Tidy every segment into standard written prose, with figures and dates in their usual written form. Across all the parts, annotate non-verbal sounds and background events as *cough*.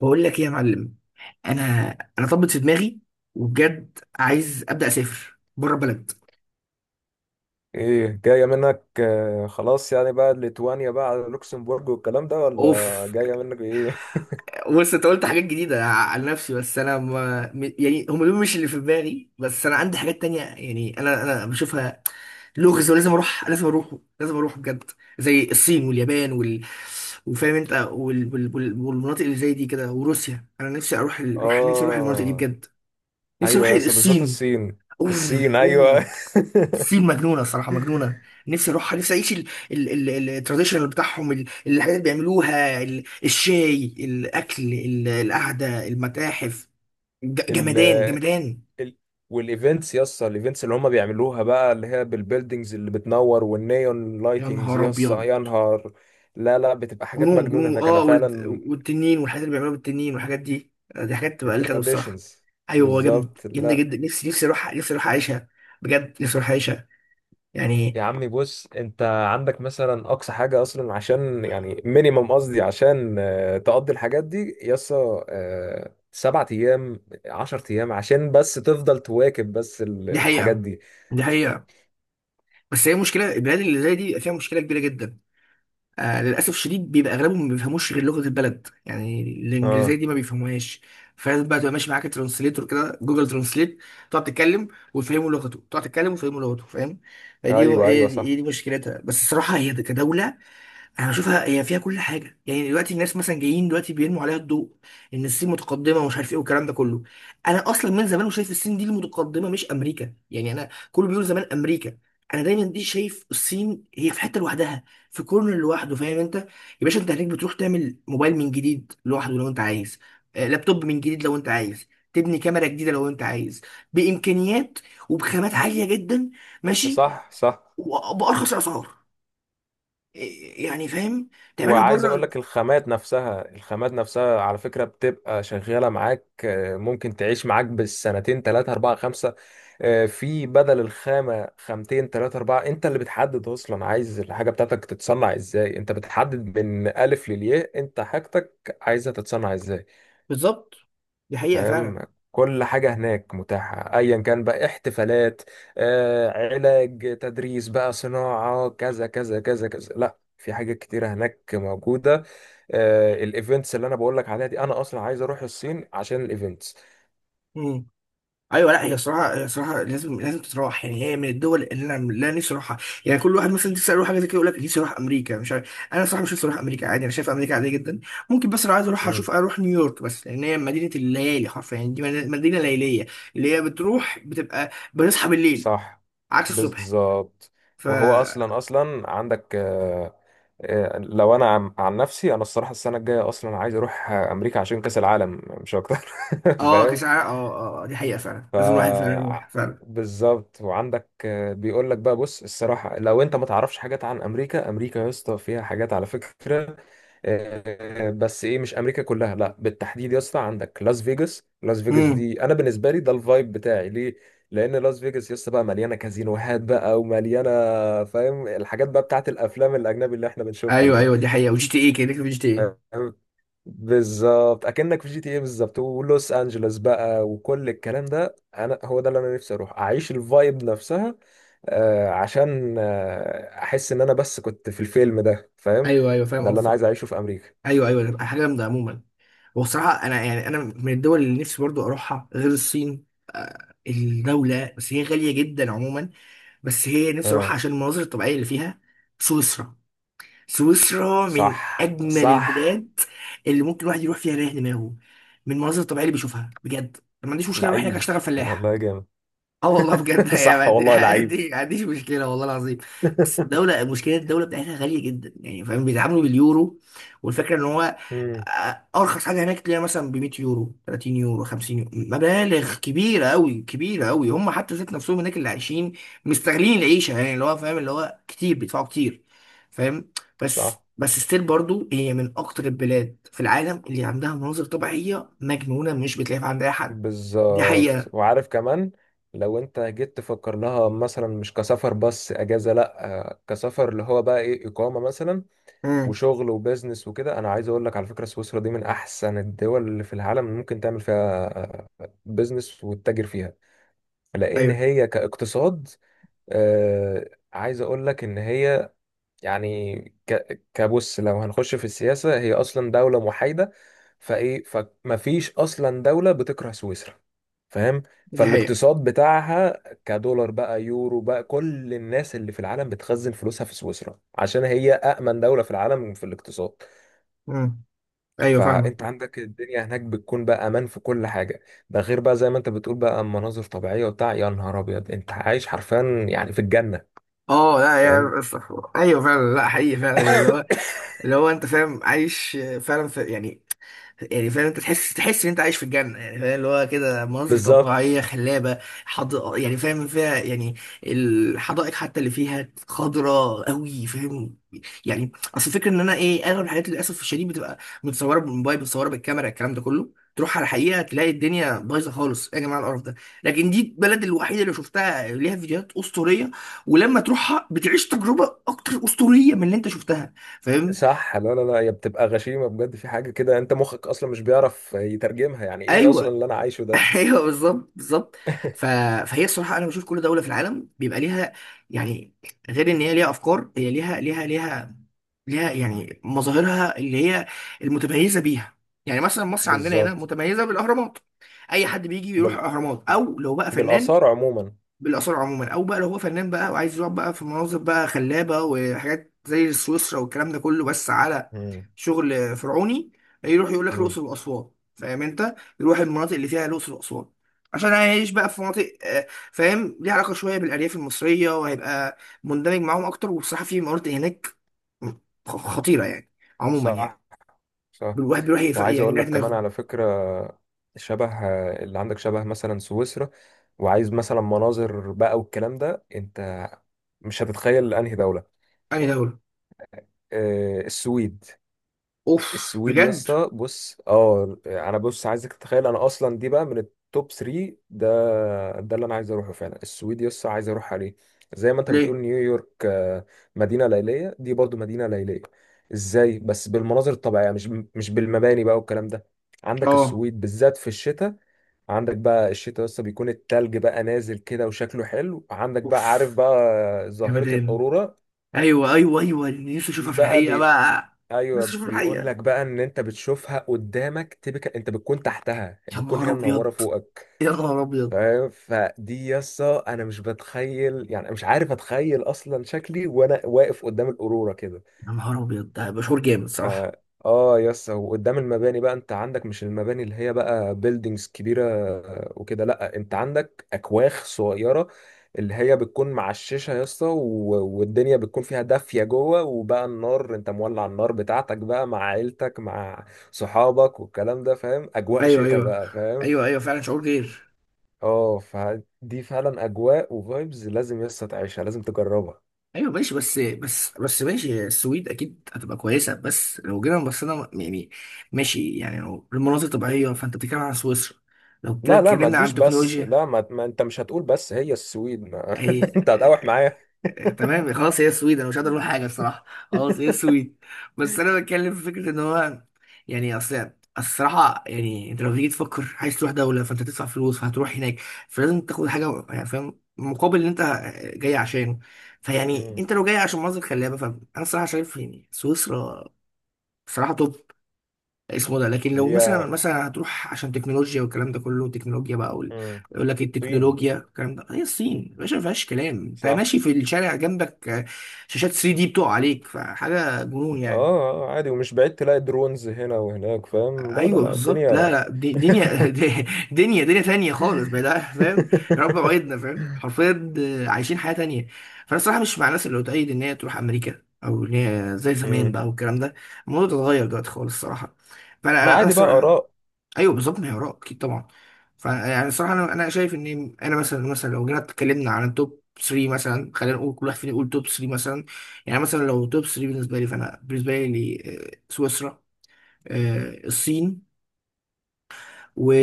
بقول لك ايه يا معلم. انا انا طبت في دماغي، وبجد عايز ابدا اسافر بره البلد. ايه جاية منك خلاص يعني بقى ليتوانيا بقى على لوكسمبورج والكلام ده ولا اوف. جاية منك ايه؟ بص، انت قلت حاجات جديده على نفسي، بس انا ما م- يعني هم دول مش اللي في دماغي، بس انا عندي حاجات تانية، يعني انا بشوفها لغز. ولازم اروح، لازم اروح، لازم اروح بجد. زي الصين واليابان وفاهم انت والمناطق اللي زي دي كده وروسيا. انا نفسي اروح *laughs* نفسي اروح المناطق دي اه، بجد. نفسي اروح ايوه بس بالذات الصين. الصين. اوه الصين ايوه. اوه. سيل مجنونه، الصراحه مجنونه. نفسي اروحها، نفسي اعيش التراديشنال بتاعهم، الحاجات اللي بيعملوها، الشاي، الاكل، القعده، المتاحف. *laughs* ال جمدان جمدان. ال والايفنتس يسطا، الايفنتس اللي هم بيعملوها بقى، اللي هي بالبيلدينجز اللي بتنور والنيون يا لايتنجز، نهار يسطا ابيض. يا نهار. لا لا، بتبقى حاجات جنون مجنونة جنون. هناك، انا اه، فعلا. والتنين والحاجات اللي بيعملوها بالتنين والحاجات دي، دي حاجات تبقى قلت انا الصراحه. التراديشنز ايوه، هو جامد، بالظبط. جامده لا جدا، نفسي اروح، نفسي اروح اعيشها. بجد نفسي اروح اعيشها، يعني. يا عمي، بص، انت عندك مثلا اقصى حاجه، اصلا عشان يعني مينيمم، قصدي عشان تقضي الحاجات دي يسا، سبعة ايام عشر ايام عشان بس تفضل تواكب بس دي الحاجات حقيقه. دي. دي حقيقه. بس هي مشكله، البلاد اللي زي دي فيها مشكله كبيره جدا. للأسف شديد بيبقى أغلبهم ما بيفهموش غير لغة البلد، يعني اه، الإنجليزية دي ما بيفهموهاش. فلازم بقى تبقى ماشي معاك ترانسليتور كده، جوجل ترانسليت. تقعد تتكلم ويفهموا لغته، تقعد تتكلم ويفهموا لغته، فاهم. فدي ايوه هي ايوه، دي, صح. هي دي مشكلتها. بس الصراحة هي كدولة، انا بشوفها هي فيها كل حاجه. يعني دلوقتي الناس مثلا جايين دلوقتي بيرموا عليها الضوء ان الصين متقدمه ومش عارف ايه والكلام ده كله. انا اصلا من زمان وشايف الصين دي المتقدمه مش امريكا، يعني انا كله بيقول زمان امريكا. انا دايما دي شايف الصين هي في حته لوحدها، في كورنر لوحده، فاهم انت يا باشا. انت هناك بتروح تعمل موبايل من جديد لوحده لو انت عايز، لابتوب من جديد لو انت عايز، تبني كاميرا جديده لو انت عايز، بامكانيات وبخامات عاليه جدا. ماشي. صح صح. وبارخص اسعار، يعني فاهم، تعملها وعايز اقول بره. لك، الخامات نفسها، الخامات نفسها على فكرة بتبقى شغالة معاك، ممكن تعيش معاك بالسنتين ثلاثة أربعة خمسة. في بدل الخامة، خامتين ثلاثة أربعة، أنت اللي بتحدد. أصلا عايز الحاجة بتاعتك تتصنع إزاي، أنت بتحدد من ألف للياء. أنت حاجتك عايزها تتصنع إزاي؟ بالظبط، دي حقيقة فعلا. فاهم. كل حاجة هناك متاحة، أيا كان بقى، احتفالات، علاج، تدريس بقى، صناعة، كذا كذا كذا كذا. لا، في حاجات كتيرة هناك موجودة. الايفنتس اللي أنا بقولك عليها دي، أنا أصلا عايز أروح الصين عشان الايفنتس. مم. ايوه، لا هي الصراحه لازم، لازم تتراح، يعني هي من الدول اللي انا لا نفسي اروحها. يعني كل واحد مثلا نفسي اروح حاجه زي كده يقول لك نفسي اروح امريكا. مش عارف انا صراحه، مش نفسي اروح امريكا، عادي، انا شايف امريكا عاديه جدا. ممكن بس لو عايز اروح امم، اشوف، اروح نيويورك، بس لان هي مدينه الليالي حرفيا، يعني دي مدينه ليليه. اللي هي بتروح بتبقى بنصحى بالليل صح عكس الصبح. بالظبط. ف. وهو أصلا، أصلا عندك لو أنا عن نفسي، أنا الصراحة السنة الجاية أصلا عايز أروح أمريكا عشان كأس العالم، مش أكتر. *laughs* اه فاهم. كساعه اه. اه، دي حقيقه فعلا، ف لازم الواحد فعلا يروح فعلا. بالظبط، وعندك بيقول لك بقى، بص الصراحه، لو انت ما تعرفش حاجات عن امريكا، امريكا يا اسطى فيها حاجات على فكره. بس ايه، مش امريكا كلها لا، بالتحديد يا اسطى عندك لاس فيجاس. لاس فيجاس دي انا بالنسبه لي ده الفايب بتاعي، ليه؟ لان لاس فيجاس يا اسطى بقى مليانه كازينوهات بقى ومليانه. فاهم، الحاجات بقى بتاعت الافلام الاجنبي اللي احنا بنشوفها ايوه دي. ايوه، دي حقيقه. وجي تي اي، كده كده في جي تي اي. فاهم؟ بالظبط، اكنك في جي تي ايه بالظبط، ولوس انجلوس بقى وكل الكلام ده، انا هو ده اللي انا نفسي اروح اعيش الفايب نفسها. آه، عشان احس ان انا بس كنت في الفيلم ده، فاهم. ايوه ايوه، فاهم ده اللي انا قصدك. عايز اعيشه في امريكا. ايوه ايوه، ده حاجه جامده عموما. وبصراحه انا يعني انا من الدول اللي نفسي برضو اروحها غير الصين، الدوله بس هي غاليه جدا عموما، بس هي نفسي اه اروحها عشان المناظر الطبيعيه اللي فيها. سويسرا. سويسرا من صح اجمل صح، البلاد اللي ممكن الواحد يروح فيها يريح دماغه، من المناظر الطبيعيه اللي بيشوفها بجد. ما عنديش مشكله اروح هناك لعيب اشتغل فلاح. والله، جامد. اه والله بجد *laughs* صح يعني. والله لعيب. ما عنديش مشكله والله العظيم. بس الدوله، مشكله الدوله بتاعتها غاليه جدا، يعني فاهم بيتعاملوا باليورو، والفكره ان هو *laughs* مم، ارخص حاجه هناك تلاقيها مثلا ب 100 يورو، 30 يورو، 50 يورو، مبالغ كبيره قوي، كبيره قوي، هم حتى ذات نفسهم هناك اللي عايشين مستغلين العيشه، يعني اللي هو فاهم اللي هو كتير بيدفعوا كتير، فاهم. بس صح بس ستيل برضو، هي من اكتر البلاد في العالم اللي عندها مناظر طبيعيه مجنونه، مش بتلاقيها عند اي حد. دي بالظبط. حقيقه. وعارف كمان، لو انت جيت تفكر لها مثلا مش كسفر بس، اجازه لا، كسفر اللي هو بقى ايه، اقامه مثلا، امم. وشغل وبزنس وكده، انا عايز اقول لك على فكره، سويسرا دي من احسن الدول اللي في العالم اللي ممكن تعمل فيها بزنس وتتاجر فيها. لان هي كاقتصاد، عايز اقول لك ان هي يعني، كبص، لو هنخش في السياسة، هي أصلا دولة محايدة. فإيه، فمفيش أصلا دولة بتكره سويسرا، فاهم. دي حقيقة. فالاقتصاد بتاعها كدولار بقى، يورو بقى، كل الناس اللي في العالم بتخزن فلوسها في سويسرا، عشان هي أأمن دولة في العالم في الاقتصاد. مم. ايوه فاهمة. فأنت عندك الدنيا هناك بتكون بقى أمان في كل حاجة. ده غير بقى، زي ما أنت بتقول بقى، مناظر طبيعية وبتاع، يا نهار أبيض، أنت عايش حرفيا يعني في الجنة، اه لا فاهم. يا ايوه فعلا، لا حقيقي فعلا. اللي هو اللي هو انت فاهم عايش فعلا في يعني، يعني فاهم انت، تحس ان انت عايش في الجنه، يعني فاهم، اللي هو كده مناظر بالظبط، طبيعيه خلابه، يعني فاهم فيها يعني، الحدائق حتى اللي فيها خضراء قوي، فاهم. يعني اصل الفكره ان انا ايه، اغلب الحاجات للاسف الشديد بتبقى متصوره بالموبايل، متصوره بالكاميرا، الكلام ده كله. تروح على الحقيقه تلاقي الدنيا بايظه خالص، ايه يا جماعه القرف ده. لكن دي البلد الوحيده اللي شفتها ليها فيديوهات اسطوريه، ولما تروحها بتعيش تجربه اكتر اسطوريه من اللي انت شفتها، فاهم. صح. لا لا لا، هي بتبقى غشيمة بجد، في حاجة كده انت مخك اصلا مش بيعرف يترجمها، يعني ايه اصلا ايوه. اللي انا عايشه ده. *laughs* ايوه بالظبط بالظبط. ف... فهي الصراحه انا بشوف كل دوله في العالم بيبقى ليها، يعني، غير ان هي ليها افكار، هي ليها يعني مظاهرها اللي هي المتميزه بيها. يعني مثلا مصر عندنا هنا بالظبط. متميزه بالاهرامات، اي حد بيجي يروح بال... اهرامات او لو بقى فنان، بالاثار عموما. بالاثار عموما، او بقى لو هو فنان بقى وعايز يقعد بقى في مناظر بقى خلابه وحاجات زي سويسرا والكلام ده كله بس على مم. شغل فرعوني يروح يقول لك مم. الاقصر واسوان، فاهم انت، يروح المناطق اللي فيها الاقصر واسوان عشان هيعيش بقى في مناطق فاهم، ليها علاقه شويه بالارياف المصريه، وهيبقى مندمج معاهم اكتر. وبصراحه في مناطق هناك خطيره يعني، عموما يعني، صح صح. الواحد بيروح وعايز يعني اقول يريح لك كمان دماغه. على فكرة، شبه اللي عندك شبه مثلا سويسرا، وعايز مثلا مناظر بقى والكلام ده، انت مش هتتخيل انهي دولة. انهي دوله. السويد. اوف السويد يا بجد. اسطى بص، اه انا بص، عايزك تتخيل، انا اصلا دي بقى من التوب 3 ده. ده اللي انا عايز اروحه فعلا، السويد يا اسطى عايز اروح عليه. زي ما انت ليه. بتقول نيويورك، مدينه ليليه، دي برضو مدينه ليليه. ازاي بس؟ بالمناظر الطبيعيه، مش بالمباني بقى والكلام ده. عندك اه. السويد بالذات في الشتاء، عندك بقى الشتاء يا اسطى بيكون التلج بقى نازل كده وشكله حلو، عندك بقى عارف اوف بقى يا ظاهره مدام. الاورورا ايوه ايوه ايوه، اللي نفسي دي اشوفها في بقى. الحقيقه بقى. نفسي ايوه اشوفها في بيقول الحقيقه. لك بقى، ان انت بتشوفها قدامك، تبقى انت بتكون تحتها، يا بتكون نهار هي ابيض. منوره فوقك، يا نهار ابيض. فاهم. فدي يسا انا مش بتخيل يعني، أنا مش عارف اتخيل اصلا شكلي وانا واقف قدام القروره كده. يا نهار ابيض، ده هيبقى شعور جامد ف صراحه. اه يس، وقدام المباني بقى، انت عندك مش المباني اللي هي بقى بيلدينجز كبيره وكده لا، انت عندك اكواخ صغيره، اللي هي بتكون معششه يا اسطى، والدنيا بتكون فيها دافيه جوه، وبقى النار انت مولع النار بتاعتك بقى مع عيلتك، مع صحابك، والكلام ده، فاهم، اجواء ايوه. شتاء ايوه بقى، فاهم. ايوه ايوه، فعلا شعور غير. اه، فدي فعلا اجواء وفايبز لازم يا اسطى تعيشها، لازم تجربها. ايوه ماشي، بس ماشي السويد اكيد هتبقى كويسه، بس لو جينا بصينا يعني ماشي، يعني لو المناظر طبيعيه فانت بتتكلم عن سويسرا، لو كده لا لا، ما اتكلمنا تجيش عن بس، تكنولوجيا. لا ما انت مش هتقول بس هي السويد ما. اي، *laughs* انت هتقاوح معايا. تمام خلاص هي السويد انا مش هقدر اقول حاجه الصراحه. خلاص هي السويد. بس انا بتكلم في فكره ان هو، يعني، اصل الصراحه، يعني انت لو تيجي تفكر عايز تروح دوله، فانت تدفع فلوس فهتروح هناك، فلازم تاخد حاجه يعني فاهم مقابل اللي انت جاي عشانه. فيعني مم. انت لو جاي عشان مناظر خلابه، فانا الصراحه شايف يعني سويسرا صراحه توب اسمه ده، لكن لو هي. مثلا هتروح عشان تكنولوجيا، والكلام ده كله تكنولوجيا بقى مم. يقول لك طين. التكنولوجيا، الكلام ده هي الصين يا باشا ما فيهاش كلام. انت صح. ماشي في الشارع جنبك شاشات 3 دي بتقع عليك، فحاجه جنون اه، يعني. عادي، ومش بعيد تلاقي درونز هنا وهناك، فاهم، لا لا ايوه لا بالظبط، لا الدنيا. لا دنيا، *laughs* *laughs* دنيا تانية خالص بقى ده، فاهم. يا رب وعدنا، فاهم حرفيا، عايشين حياه تانية. فانا الصراحه مش مع الناس اللي بتأيد ان هي تروح امريكا، او ان هي زي زمان مم. بقى والكلام ده. الموضوع ده اتغير دلوقتي خالص الصراحه. فانا ما انا أنا عادي بقى، الصراحه. آراء. ايوه بالظبط، ما هي اراء اكيد طبعا. فيعني الصراحه انا شايف ان انا مثلا لو جينا اتكلمنا عن التوب 3 مثلا، خلينا نقول كل واحد فينا يقول توب 3 مثلا. يعني مثلا لو توب 3 بالنسبه لي، فانا بالنسبه لي سويسرا، الصين،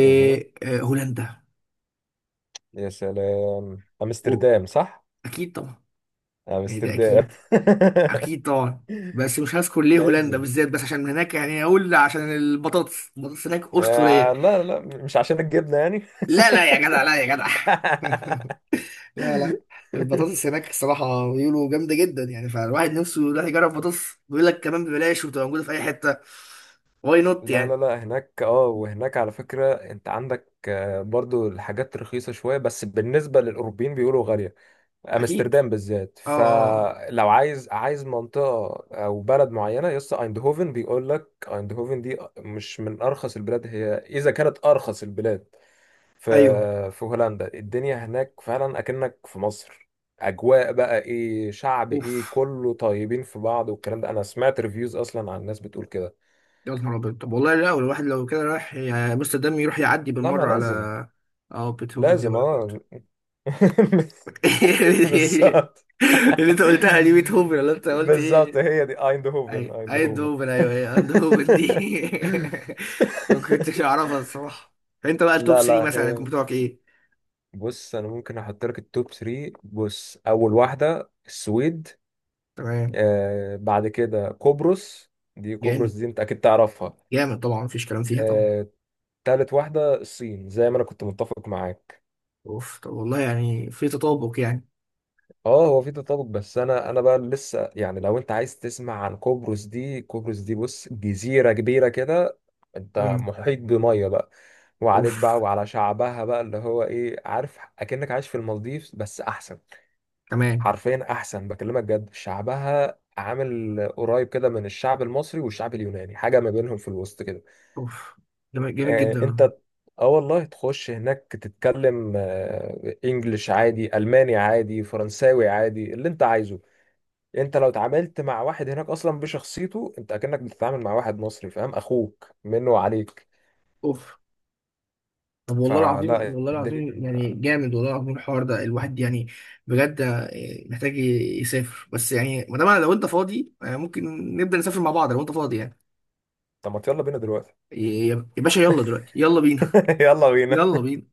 مهم. يا سلام أمستردام، صح. اكيد طبعا، يعني ده أمستردام. اكيد. اكيد طبعا. *laughs* بس مش هذكر ليه هولندا لازم. بالذات، بس عشان هناك، يعني اقول عشان البطاطس، البطاطس هناك اسطوريه. آه لا لا، مش عشان الجبنة يعني. لا لا يا جدع، لا يا جدع. *laughs* لا لا. *laughs* البطاطس هناك الصراحة بيقولوا جامدة جدا، يعني فالواحد نفسه يروح يجرب بطاطس، بيقول لك كمان ببلاش، وبتبقى موجودة في أي حتة، واي نوت لا لا يعني. لا، هناك اه. وهناك على فكرة انت عندك برضو الحاجات رخيصة شوية، بس بالنسبة للأوروبيين بيقولوا غالية. أكيد. امستردام بالذات، أه أه آه. فلو عايز، عايز منطقة او بلد معينة، يس ايندهوفن. بيقول لك ايندهوفن دي مش من ارخص البلاد، هي اذا كانت ارخص البلاد في أيوه. في هولندا. الدنيا هناك فعلا اكنك في مصر. اجواء بقى ايه، شعب ايه، أوف. كله طيبين في بعض والكلام ده، انا سمعت ريفيوز اصلا عن الناس بتقول كده. يا نهار أبيض، طب والله لا الواحد لو كده رايح يا أمستردام يروح يعدي لا ما بالمرة على لازم. أه بيتهوفن دي لازم ولا برضه. اه. *laughs* بالظبط *laughs* اللي أنت قلتها دي بيتهوفن، ولا أنت قلت بالظبط، إيه؟ هي دي ايندهوفن، أي ايندهوفن. أيندهوفن، *laughs* أيوه هي أيندهوفن دي. *laughs* ما كنتش أعرفها الصراحة. أنت بقى التوب لا 3 لا، مثلا هيكون هي. بتوعك إيه؟ بص انا ممكن احط لك التوب 3، بص، اول واحده السويد. تمام. آه بعد كده قبرص. دي قبرص جامد، دي انت اكيد تعرفها. جامد طبعا، مفيش كلام فيها طبعا. آه، تالت واحده الصين، زي ما انا كنت متفق معاك. اوف، طب والله يعني في تطابق يعني. اه هو في تطابق، بس انا انا بقى لسه يعني، لو انت عايز تسمع عن قبرص دي، قبرص دي بص جزيرة كبيرة كده، انت امم. محيط بمية بقى، وعليك بقى اوف. وعلى شعبها بقى اللي هو ايه، عارف، اكنك عايش في المالديف بس احسن. تمام. حرفيا احسن، بكلمك جد. شعبها عامل قريب كده من الشعب المصري والشعب اليوناني، حاجة ما بينهم في الوسط كده. اوف. جامد، جامد جدا. انت اه والله تخش هناك، تتكلم انجلش عادي، الماني عادي، فرنساوي عادي، اللي انت عايزه. انت لو اتعاملت مع واحد هناك اصلا بشخصيته، انت اكنك بتتعامل مع واحد مصري، فاهم، اخوك منه وعليك. اوف، طب والله العظيم فلا والله العظيم الدنيا. يعني جامد، والله العظيم الحوار ده الواحد يعني بجد محتاج يسافر. بس يعني ما دام لو انت فاضي ممكن نبدأ نسافر مع بعض، لو انت فاضي يعني. طب ما يلا بينا دلوقتي. يا باشا، يلا دلوقتي، يلا بينا. *laughs* يلا بينا. يلا بينا